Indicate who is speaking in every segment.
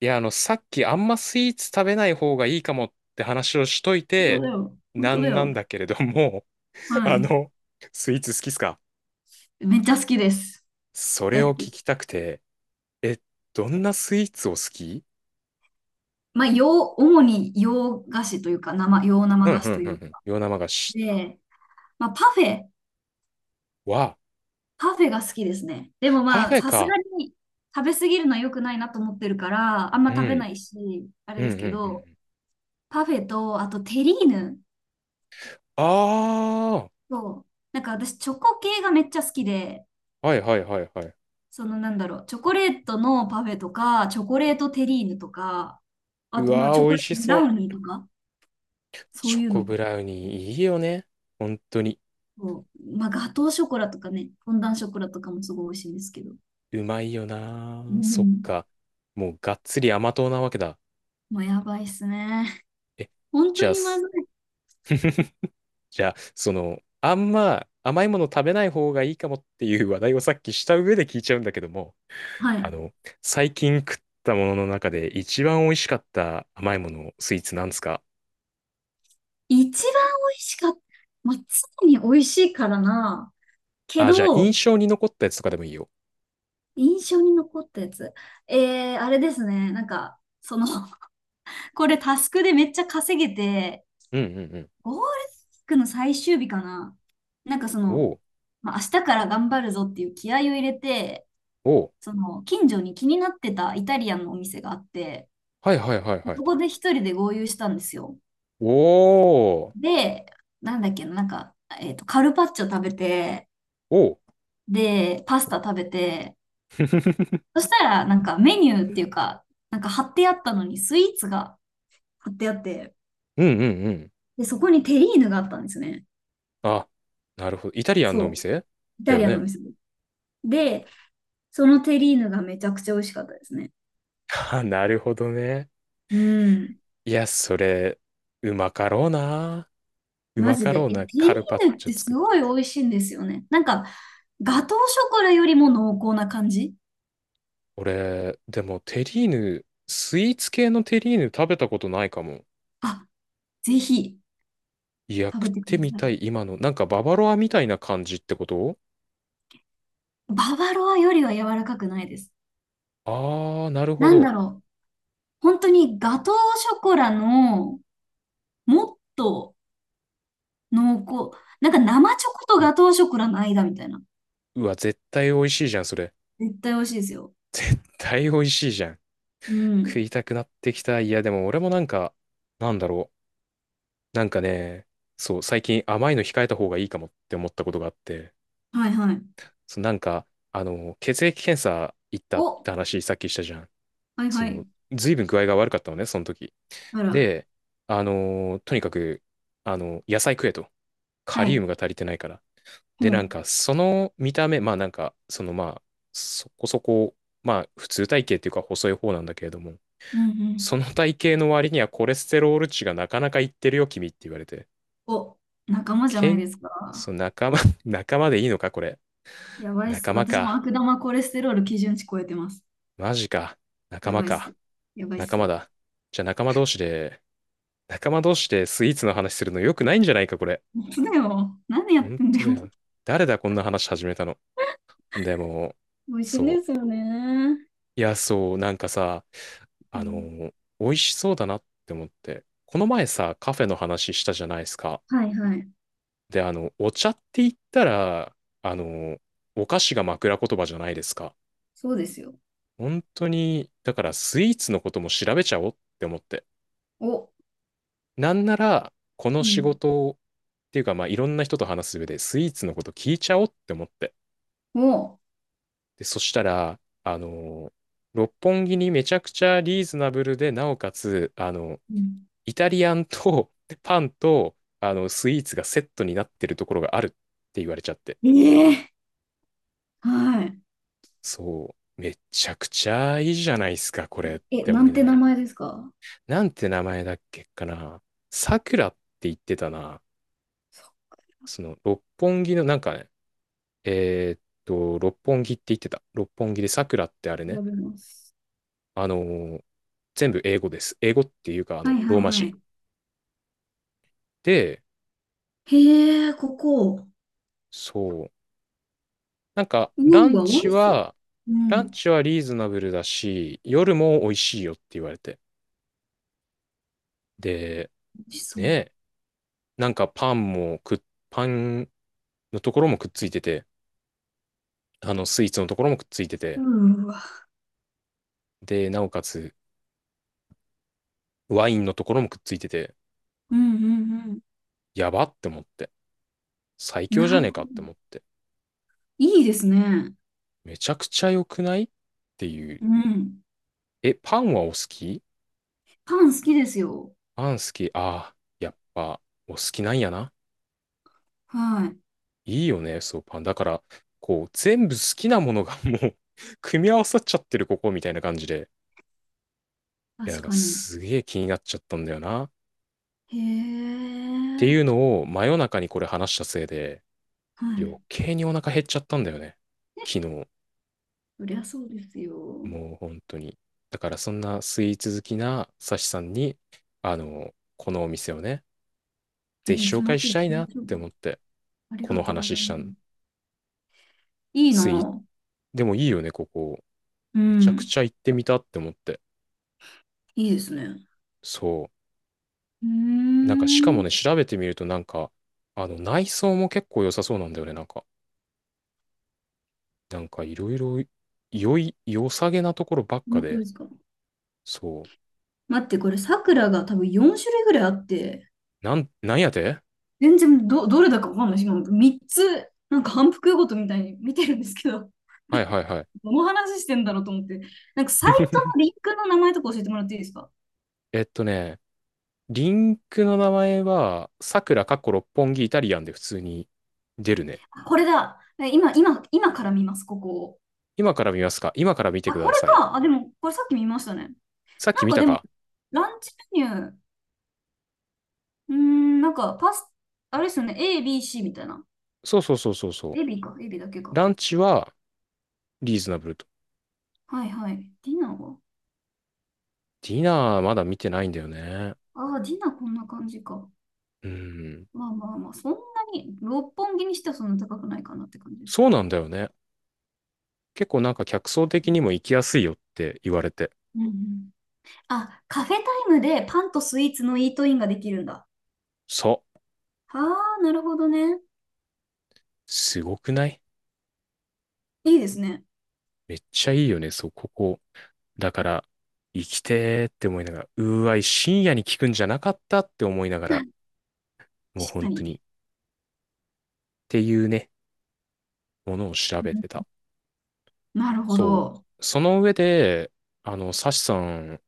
Speaker 1: いや、さっきあんまスイーツ食べない方がいいかもって話をしとい
Speaker 2: 本当
Speaker 1: て、
Speaker 2: だよ。本
Speaker 1: な
Speaker 2: 当だ
Speaker 1: んな
Speaker 2: よ。
Speaker 1: んだけれども、
Speaker 2: は
Speaker 1: あ
Speaker 2: い。
Speaker 1: の、スイーツ好きっすか？
Speaker 2: めっちゃ好きです。
Speaker 1: それ
Speaker 2: 大好
Speaker 1: を聞
Speaker 2: き。
Speaker 1: きたくて、え、どんなスイーツを好き？
Speaker 2: まあ、主に洋菓子というか、洋
Speaker 1: う
Speaker 2: 生
Speaker 1: ん
Speaker 2: 菓
Speaker 1: う
Speaker 2: 子と
Speaker 1: んう
Speaker 2: い
Speaker 1: ん
Speaker 2: う
Speaker 1: うん。
Speaker 2: か。
Speaker 1: 洋生菓子
Speaker 2: で、まあ、パフェ、
Speaker 1: は、
Speaker 2: パフェが好きですね。でも
Speaker 1: パ
Speaker 2: ま
Speaker 1: フ
Speaker 2: あ、
Speaker 1: ェ
Speaker 2: さす
Speaker 1: か。
Speaker 2: がに食べ過ぎるのは良くないなと思ってるから、あん
Speaker 1: う
Speaker 2: ま食べ
Speaker 1: ん。
Speaker 2: ないし、あれ
Speaker 1: うん
Speaker 2: で
Speaker 1: う
Speaker 2: す
Speaker 1: んうんう
Speaker 2: けど、
Speaker 1: ん。
Speaker 2: パフェと、あとテリーヌ
Speaker 1: あ
Speaker 2: と、なんか私、チョコ系がめっちゃ好きで、
Speaker 1: あ、はいはいはいはい。
Speaker 2: そのなんだろう、チョコレートのパフェとか、チョコレートテリーヌとか、あ
Speaker 1: う
Speaker 2: とまあ、
Speaker 1: わ
Speaker 2: チョ
Speaker 1: ー、美
Speaker 2: コ
Speaker 1: 味
Speaker 2: レー
Speaker 1: し
Speaker 2: トブラ
Speaker 1: そ
Speaker 2: ウニー
Speaker 1: う。
Speaker 2: とか、そ
Speaker 1: チ
Speaker 2: う
Speaker 1: ョ
Speaker 2: いう
Speaker 1: コ
Speaker 2: の。
Speaker 1: ブラウニーいいよね。本当に。
Speaker 2: こう、まあ、ガトーショコラとかね、フォンダンショコラとかもすごい美味しいんですけど。
Speaker 1: うまいよな
Speaker 2: う
Speaker 1: ー。そっ
Speaker 2: ん。
Speaker 1: か。もうがっつり甘党なわけだ。
Speaker 2: もうやばいっすね。
Speaker 1: え
Speaker 2: 本
Speaker 1: じ
Speaker 2: 当
Speaker 1: ゃあ、
Speaker 2: にま
Speaker 1: す
Speaker 2: ずい。
Speaker 1: じゃあ、あんま甘いもの食べない方がいいかもっていう話題をさっきした上で聞いちゃうんだけども、
Speaker 2: は
Speaker 1: あ
Speaker 2: い。
Speaker 1: の、最近食ったものの中で一番美味しかった甘いもの、スイーツなんですか？
Speaker 2: 一番美味しかった。まあ、常に美味しいからな。け
Speaker 1: あ、じゃあ、
Speaker 2: ど、
Speaker 1: 印象に残ったやつとかでもいいよ。
Speaker 2: 印象に残ったやつ。えー、あれですね。なんか、その これタスクでめっちゃ稼げて、
Speaker 1: うんうんうん。
Speaker 2: ゴールデンウィークの最終日かな。なんかその、
Speaker 1: おう、
Speaker 2: まあ、明日から頑張るぞっていう気合を入れて、
Speaker 1: おう、
Speaker 2: その近所に気になってたイタリアンのお店があって、
Speaker 1: はいはいはいはい。
Speaker 2: そこで一人で合流したんですよ。
Speaker 1: おー、
Speaker 2: で、なんだっけな、なんか、カルパッチョ食べて、
Speaker 1: おう、
Speaker 2: で、パスタ食べて、そしたら、なんかメニューっていうか、なんか貼ってあったのにスイーツが貼ってあって、
Speaker 1: うんうんうん。
Speaker 2: で、そこにテリーヌがあったんですね。
Speaker 1: あ、なるほど。イタリアンの
Speaker 2: そ
Speaker 1: お
Speaker 2: う。
Speaker 1: 店
Speaker 2: イ
Speaker 1: だ
Speaker 2: タ
Speaker 1: よ
Speaker 2: リアンのお
Speaker 1: ね。
Speaker 2: 店で。で、そのテリーヌがめちゃくちゃ美味しかったですね。
Speaker 1: あ、なるほどね。
Speaker 2: うん。
Speaker 1: いや、それ、うまかろうな。う
Speaker 2: マ
Speaker 1: ま
Speaker 2: ジ
Speaker 1: か
Speaker 2: で。
Speaker 1: ろう
Speaker 2: いや、
Speaker 1: な
Speaker 2: テリ
Speaker 1: カルパッ
Speaker 2: ーヌっ
Speaker 1: チョ
Speaker 2: てす
Speaker 1: 作って。
Speaker 2: ごい美味しいんですよね。なんか、ガトーショコラよりも濃厚な感じ。
Speaker 1: 俺、でもテリーヌ、スイーツ系のテリーヌ食べたことないかも。
Speaker 2: あ、ぜひ
Speaker 1: いや、
Speaker 2: 食
Speaker 1: 食っ
Speaker 2: べてく
Speaker 1: て
Speaker 2: だ
Speaker 1: み
Speaker 2: さ
Speaker 1: た
Speaker 2: い。
Speaker 1: い、今の。なんかババロアみたいな感じってこと？
Speaker 2: ババロアよりは柔らかくないです。
Speaker 1: あー、なるほ
Speaker 2: なん
Speaker 1: ど。
Speaker 2: だろう。本当にガトーショコラのもっと濃厚。なんか生チョコと
Speaker 1: うん。
Speaker 2: ガトーショコラの間みたいな。
Speaker 1: うわ、絶対美味しいじゃん、それ。
Speaker 2: 絶対美味しいですよ。
Speaker 1: 絶対美味しいじゃん。
Speaker 2: う
Speaker 1: 食
Speaker 2: ん。
Speaker 1: いたくなってきた。いや、でも俺もなんか、なんだろう。なんかね、そう、最近甘いの控えた方がいいかもって思ったことがあって、
Speaker 2: はいはい。
Speaker 1: そう、なんか、血液検査行った
Speaker 2: お、
Speaker 1: って話さっきしたじゃん。
Speaker 2: はい
Speaker 1: そ
Speaker 2: は
Speaker 1: の、
Speaker 2: い。
Speaker 1: ずいぶん具合が悪かったのね、その時。
Speaker 2: あら。
Speaker 1: で、とにかく、野菜食えと。カ
Speaker 2: は
Speaker 1: リウム
Speaker 2: い。
Speaker 1: が足りてないから。
Speaker 2: ほ
Speaker 1: で、なん
Speaker 2: う。
Speaker 1: か、その見た目、まあなんか、そのまあ、そこそこ、まあ、普通体型っていうか細い方なんだけれども、
Speaker 2: うんうん。
Speaker 1: その体型の割にはコレステロール値がなかなかいってるよ、君って言われて。
Speaker 2: お、仲間じゃ
Speaker 1: け
Speaker 2: ない
Speaker 1: ん、
Speaker 2: ですか。
Speaker 1: そう、仲間、仲間でいいのか、これ？
Speaker 2: やばいっす。
Speaker 1: 仲間
Speaker 2: 私も
Speaker 1: か。
Speaker 2: 悪玉コレステロール基準値超えてます。
Speaker 1: マジか。仲
Speaker 2: や
Speaker 1: 間
Speaker 2: ばいっ
Speaker 1: か。
Speaker 2: す。やばいっ
Speaker 1: 仲間
Speaker 2: す。
Speaker 1: だ。じゃあ仲間同士でスイーツの話するの良くないんじゃないか、これ？
Speaker 2: 本当だよ。何やっ
Speaker 1: 本
Speaker 2: てんだ
Speaker 1: 当
Speaker 2: よ。
Speaker 1: だよ。誰だ、こんな話始めたの。でも、
Speaker 2: 美味しいん
Speaker 1: そ
Speaker 2: で
Speaker 1: う。
Speaker 2: すよね。
Speaker 1: いや、そう、なんかさ、
Speaker 2: う
Speaker 1: あ
Speaker 2: ん、
Speaker 1: の、美味しそうだなって思って。この前さ、カフェの話したじゃないですか。
Speaker 2: はいはい。
Speaker 1: で、お茶って言ったら、あの、お菓子が枕言葉じゃないですか。
Speaker 2: そうですよ。
Speaker 1: 本当に、だからスイーツのことも調べちゃおうって思って。
Speaker 2: お、
Speaker 1: なんなら、この
Speaker 2: う
Speaker 1: 仕
Speaker 2: ん。
Speaker 1: 事をっていうか、まあ、いろんな人と話す上で、スイーツのこと聞いちゃおうって思って。
Speaker 2: お、
Speaker 1: で、そしたら、六本木にめちゃくちゃリーズナブルで、なおかつ、
Speaker 2: うん、
Speaker 1: イタリアンと パンと、スイーツがセットになってるところがあるって言われちゃって。
Speaker 2: ええはい。
Speaker 1: そう、めちゃくちゃいいじゃないですか、これっ
Speaker 2: え、
Speaker 1: て
Speaker 2: な
Speaker 1: 思い
Speaker 2: ん
Speaker 1: な
Speaker 2: て
Speaker 1: が
Speaker 2: 名
Speaker 1: ら。
Speaker 2: 前ですか？
Speaker 1: なんて名前だっけかな。さくらって言ってたな。
Speaker 2: そ
Speaker 1: 六本木のなんかね、六本木って言ってた。六本木でさくらってあれ
Speaker 2: う、調
Speaker 1: ね。
Speaker 2: べます。
Speaker 1: あのー全部英語です。英語っていうか、
Speaker 2: はい
Speaker 1: ロー
Speaker 2: はい
Speaker 1: マ
Speaker 2: はい。
Speaker 1: 字。で、
Speaker 2: へえ、ここ。
Speaker 1: そう。なんか、
Speaker 2: うわ、美味しそう。う
Speaker 1: ラ
Speaker 2: ん、
Speaker 1: ン
Speaker 2: 美
Speaker 1: チはリーズナブルだし、夜も美味しいよって言われて。で、
Speaker 2: 味しそう。
Speaker 1: ね、なんかパンもくっ、パンのところもくっついてて、スイーツのところもくっついて
Speaker 2: う
Speaker 1: て、
Speaker 2: ーわ。
Speaker 1: で、なおかつ、ワインのところもくっついてて、
Speaker 2: うんうん
Speaker 1: やばって思って。最
Speaker 2: うん。な
Speaker 1: 強じゃ
Speaker 2: る
Speaker 1: ねえ
Speaker 2: ほ
Speaker 1: か
Speaker 2: ど。
Speaker 1: って思って。
Speaker 2: いいですね。
Speaker 1: めちゃくちゃ良くないっていう。
Speaker 2: うん。
Speaker 1: え、パンはお好き？
Speaker 2: パン好きですよ。
Speaker 1: パン好き。ああ、やっぱ、お好きなんやな。
Speaker 2: はい。
Speaker 1: いいよね、そう、パン。だから、こう、全部好きなものがもう 組み合わさっちゃってる、ここ、みたいな感じで。い
Speaker 2: 確
Speaker 1: や、なんか、
Speaker 2: かに。
Speaker 1: すげえ気になっちゃったんだよな。っ
Speaker 2: へ
Speaker 1: ていう
Speaker 2: え。
Speaker 1: のを、真夜中にこれ話したせいで、
Speaker 2: は
Speaker 1: 余
Speaker 2: い。
Speaker 1: 計にお腹減っちゃったんだよね。昨日。
Speaker 2: そりゃそうですよ。
Speaker 1: もう、本当に。だから、そんなスイーツ好きなサシさんに、このお店をね、
Speaker 2: え、
Speaker 1: ぜひ
Speaker 2: 行き
Speaker 1: 紹
Speaker 2: ま
Speaker 1: 介
Speaker 2: し
Speaker 1: し
Speaker 2: ょう、
Speaker 1: た
Speaker 2: 行
Speaker 1: い
Speaker 2: き
Speaker 1: な
Speaker 2: ま
Speaker 1: っ
Speaker 2: しょう。
Speaker 1: て思って、
Speaker 2: あり
Speaker 1: こ
Speaker 2: が
Speaker 1: の
Speaker 2: とうご
Speaker 1: 話
Speaker 2: ざい
Speaker 1: し
Speaker 2: ま
Speaker 1: たの。
Speaker 2: す。いい
Speaker 1: スイーツ、
Speaker 2: な。
Speaker 1: でもいいよね、ここ。
Speaker 2: う
Speaker 1: めちゃく
Speaker 2: ん。
Speaker 1: ちゃ行ってみたって思って。
Speaker 2: いいですね。
Speaker 1: そ
Speaker 2: うー
Speaker 1: う。なんかしかも
Speaker 2: ん。
Speaker 1: ね、調べてみるとなんか、あの内装も結構良さそうなんだよね。なんかいろいろ良さげなところばっか
Speaker 2: 本当
Speaker 1: で。
Speaker 2: ですか？
Speaker 1: そ
Speaker 2: 待って、これ、さくらが多分4種類ぐらいあって、
Speaker 1: う。なんやて？
Speaker 2: 全然どれだかわかんないし、今3つ、なんか反復ごとみたいに見てるんですけど、
Speaker 1: はいはい はい。
Speaker 2: どの話してんだろうと思って、なんかサイトのリンクの名前とか教えてもらっていいですか？
Speaker 1: えっとね、リンクの名前は、さくらかっこ六本木イタリアンで普通に出るね。
Speaker 2: あこれだ。え今、今から見ます、ここを。
Speaker 1: 今から見ますか？今から見て
Speaker 2: あ、
Speaker 1: く
Speaker 2: こ
Speaker 1: だ
Speaker 2: れ
Speaker 1: さい。
Speaker 2: か。あ、でも、これさっき見ましたね。
Speaker 1: さっ
Speaker 2: な
Speaker 1: き
Speaker 2: ん
Speaker 1: 見
Speaker 2: か
Speaker 1: た
Speaker 2: でも、
Speaker 1: か？
Speaker 2: ランチメニュー、うーん、なんか、パス、あれですよね、A、B、C みたいな。
Speaker 1: そうそうそうそうそう。
Speaker 2: A、B か、A、B だけか。
Speaker 1: ランチはリーズナブルと。
Speaker 2: はいはい。ディナーは？
Speaker 1: ディナーまだ見てないんだよね。
Speaker 2: ああー、ディナーこんな感じか。
Speaker 1: うん。
Speaker 2: まあまあまあ、そんなに、六本木にしてはそんな高くないかなって感じです
Speaker 1: そう
Speaker 2: ね。
Speaker 1: なんだよね。結構なんか客層的にも行きやすいよって言われて。
Speaker 2: うんうん。あ、カフェタイムでパンとスイーツのイートインができるんだ。
Speaker 1: そう。
Speaker 2: ああ、なるほどね。
Speaker 1: すごくない？
Speaker 2: いいですね。
Speaker 1: めっちゃいいよね、そう、ここ。だから、生きてーって思いながら、うーわい、深夜に聞くんじゃなかったって思いながら、もう
Speaker 2: 確か
Speaker 1: 本当に。っ
Speaker 2: に。
Speaker 1: ていうね、ものを調
Speaker 2: う
Speaker 1: べ
Speaker 2: ん
Speaker 1: てた。
Speaker 2: なるほ
Speaker 1: そ
Speaker 2: ど。
Speaker 1: う。その上で、サシさん、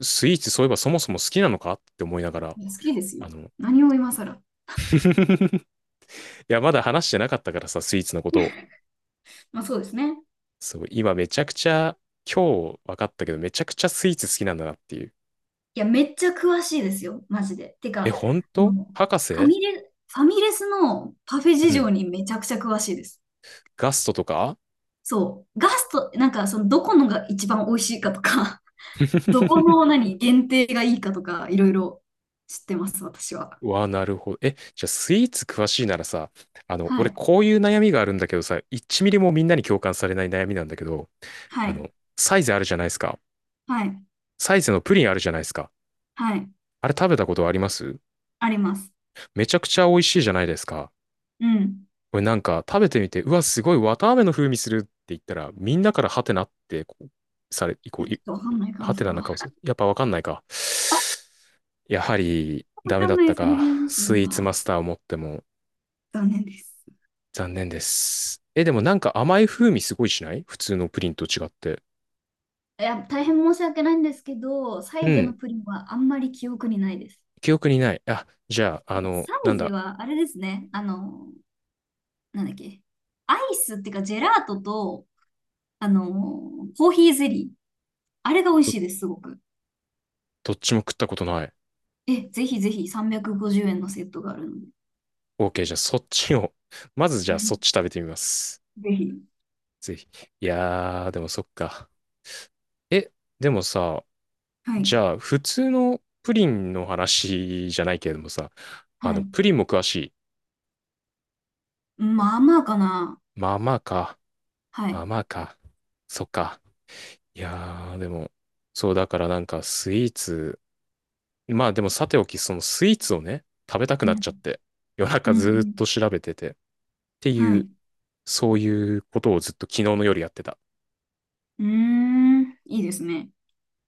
Speaker 1: スイーツそういえばそもそも好きなのかって思いながら、
Speaker 2: 好きです
Speaker 1: あ
Speaker 2: よ。
Speaker 1: の、
Speaker 2: 何を今更。
Speaker 1: いや、まだ話してなかったからさ、スイーツのこ とを。
Speaker 2: まあそうですね。
Speaker 1: そう、今めちゃくちゃ、今日分かったけど、めちゃくちゃスイーツ好きなんだなっていう。
Speaker 2: いや、めっちゃ詳しいですよ、マジで。て
Speaker 1: え、
Speaker 2: か、
Speaker 1: 本
Speaker 2: あの、
Speaker 1: 当博
Speaker 2: ファ
Speaker 1: 士？
Speaker 2: ミレ、ファミレスのパフェ事
Speaker 1: う
Speaker 2: 情
Speaker 1: ん。
Speaker 2: にめちゃくちゃ詳しいです。
Speaker 1: ガストとか
Speaker 2: そう。ガスト、なんか、その、どこのが一番美味しいかとか、どこ の何、限定がいいかとか、いろいろ知ってます、私は。
Speaker 1: わあ、なるほど。え、じゃあスイーツ詳しいならさ、
Speaker 2: は
Speaker 1: 俺
Speaker 2: い。
Speaker 1: こういう悩みがあるんだけどさ、1ミリもみんなに共感されない悩みなんだけど、
Speaker 2: は
Speaker 1: あ
Speaker 2: い。
Speaker 1: の、サイズあるじゃないですか。
Speaker 2: はい。
Speaker 1: サイズのプリンあるじゃないですか。
Speaker 2: はい。
Speaker 1: あれ食べたことあります？
Speaker 2: あります。
Speaker 1: めちゃくちゃ美味しいじゃないですか。
Speaker 2: うん。
Speaker 1: これなんか食べてみて、うわ、すごい綿あめの風味するって言ったら、みんなからハテナってこうされ、
Speaker 2: い
Speaker 1: こう、
Speaker 2: や、ちょっ
Speaker 1: い
Speaker 2: とわかんないかも、
Speaker 1: ハテ
Speaker 2: それ
Speaker 1: ナな
Speaker 2: は。
Speaker 1: 顔する。やっぱわかんないか。やはり、
Speaker 2: わ
Speaker 1: ダメ
Speaker 2: か
Speaker 1: だ
Speaker 2: ん
Speaker 1: っ
Speaker 2: ない
Speaker 1: た
Speaker 2: ですね。
Speaker 1: か。
Speaker 2: それ
Speaker 1: スイーツマ
Speaker 2: は。
Speaker 1: スターを持っても
Speaker 2: 残念です。
Speaker 1: 残念です。え、でもなんか甘い風味すごいしない普通のプリンと違って。
Speaker 2: いや、大変申し訳ないんですけど、サ
Speaker 1: う
Speaker 2: イゼ
Speaker 1: ん。
Speaker 2: のプリンはあんまり記憶にないです。
Speaker 1: 記憶にない。あ、じゃあ、
Speaker 2: やっぱサ
Speaker 1: な
Speaker 2: イ
Speaker 1: ん
Speaker 2: ゼ
Speaker 1: だ。
Speaker 2: はあれですね、あの、なんだっけ、アイスっていうかジェラートと、あの、コーヒーゼリー、あれが美味
Speaker 1: ど、
Speaker 2: しいです、すごく。
Speaker 1: どっちも食ったことない。
Speaker 2: え、ぜひぜひ350円のセットがあるので。
Speaker 1: OK、じゃあそっちを。まず じ
Speaker 2: う
Speaker 1: ゃあそっ
Speaker 2: ん
Speaker 1: ち食べてみます。
Speaker 2: ぜひ。
Speaker 1: ぜひ。いやー、でもそっか。え、でもさ、
Speaker 2: はい。
Speaker 1: じゃあ普通のプリンの話じゃないけれどもさ、
Speaker 2: はい。
Speaker 1: プリンも詳しい？
Speaker 2: まあまあかな。
Speaker 1: まあまあか。
Speaker 2: は
Speaker 1: まあ
Speaker 2: い。
Speaker 1: まあか。そっか。いやー、でも、そう、だからなんかスイーツ、まあでもさておき、そのスイーツをね、食べたく
Speaker 2: う
Speaker 1: なっ
Speaker 2: ん。
Speaker 1: ちゃって、夜
Speaker 2: う
Speaker 1: 中
Speaker 2: ん。う
Speaker 1: ずーっ
Speaker 2: ん
Speaker 1: と調べてて、って
Speaker 2: は
Speaker 1: い
Speaker 2: い。
Speaker 1: う、
Speaker 2: う
Speaker 1: そういうことをずっと昨日の夜やってた。
Speaker 2: ーん。いいですね。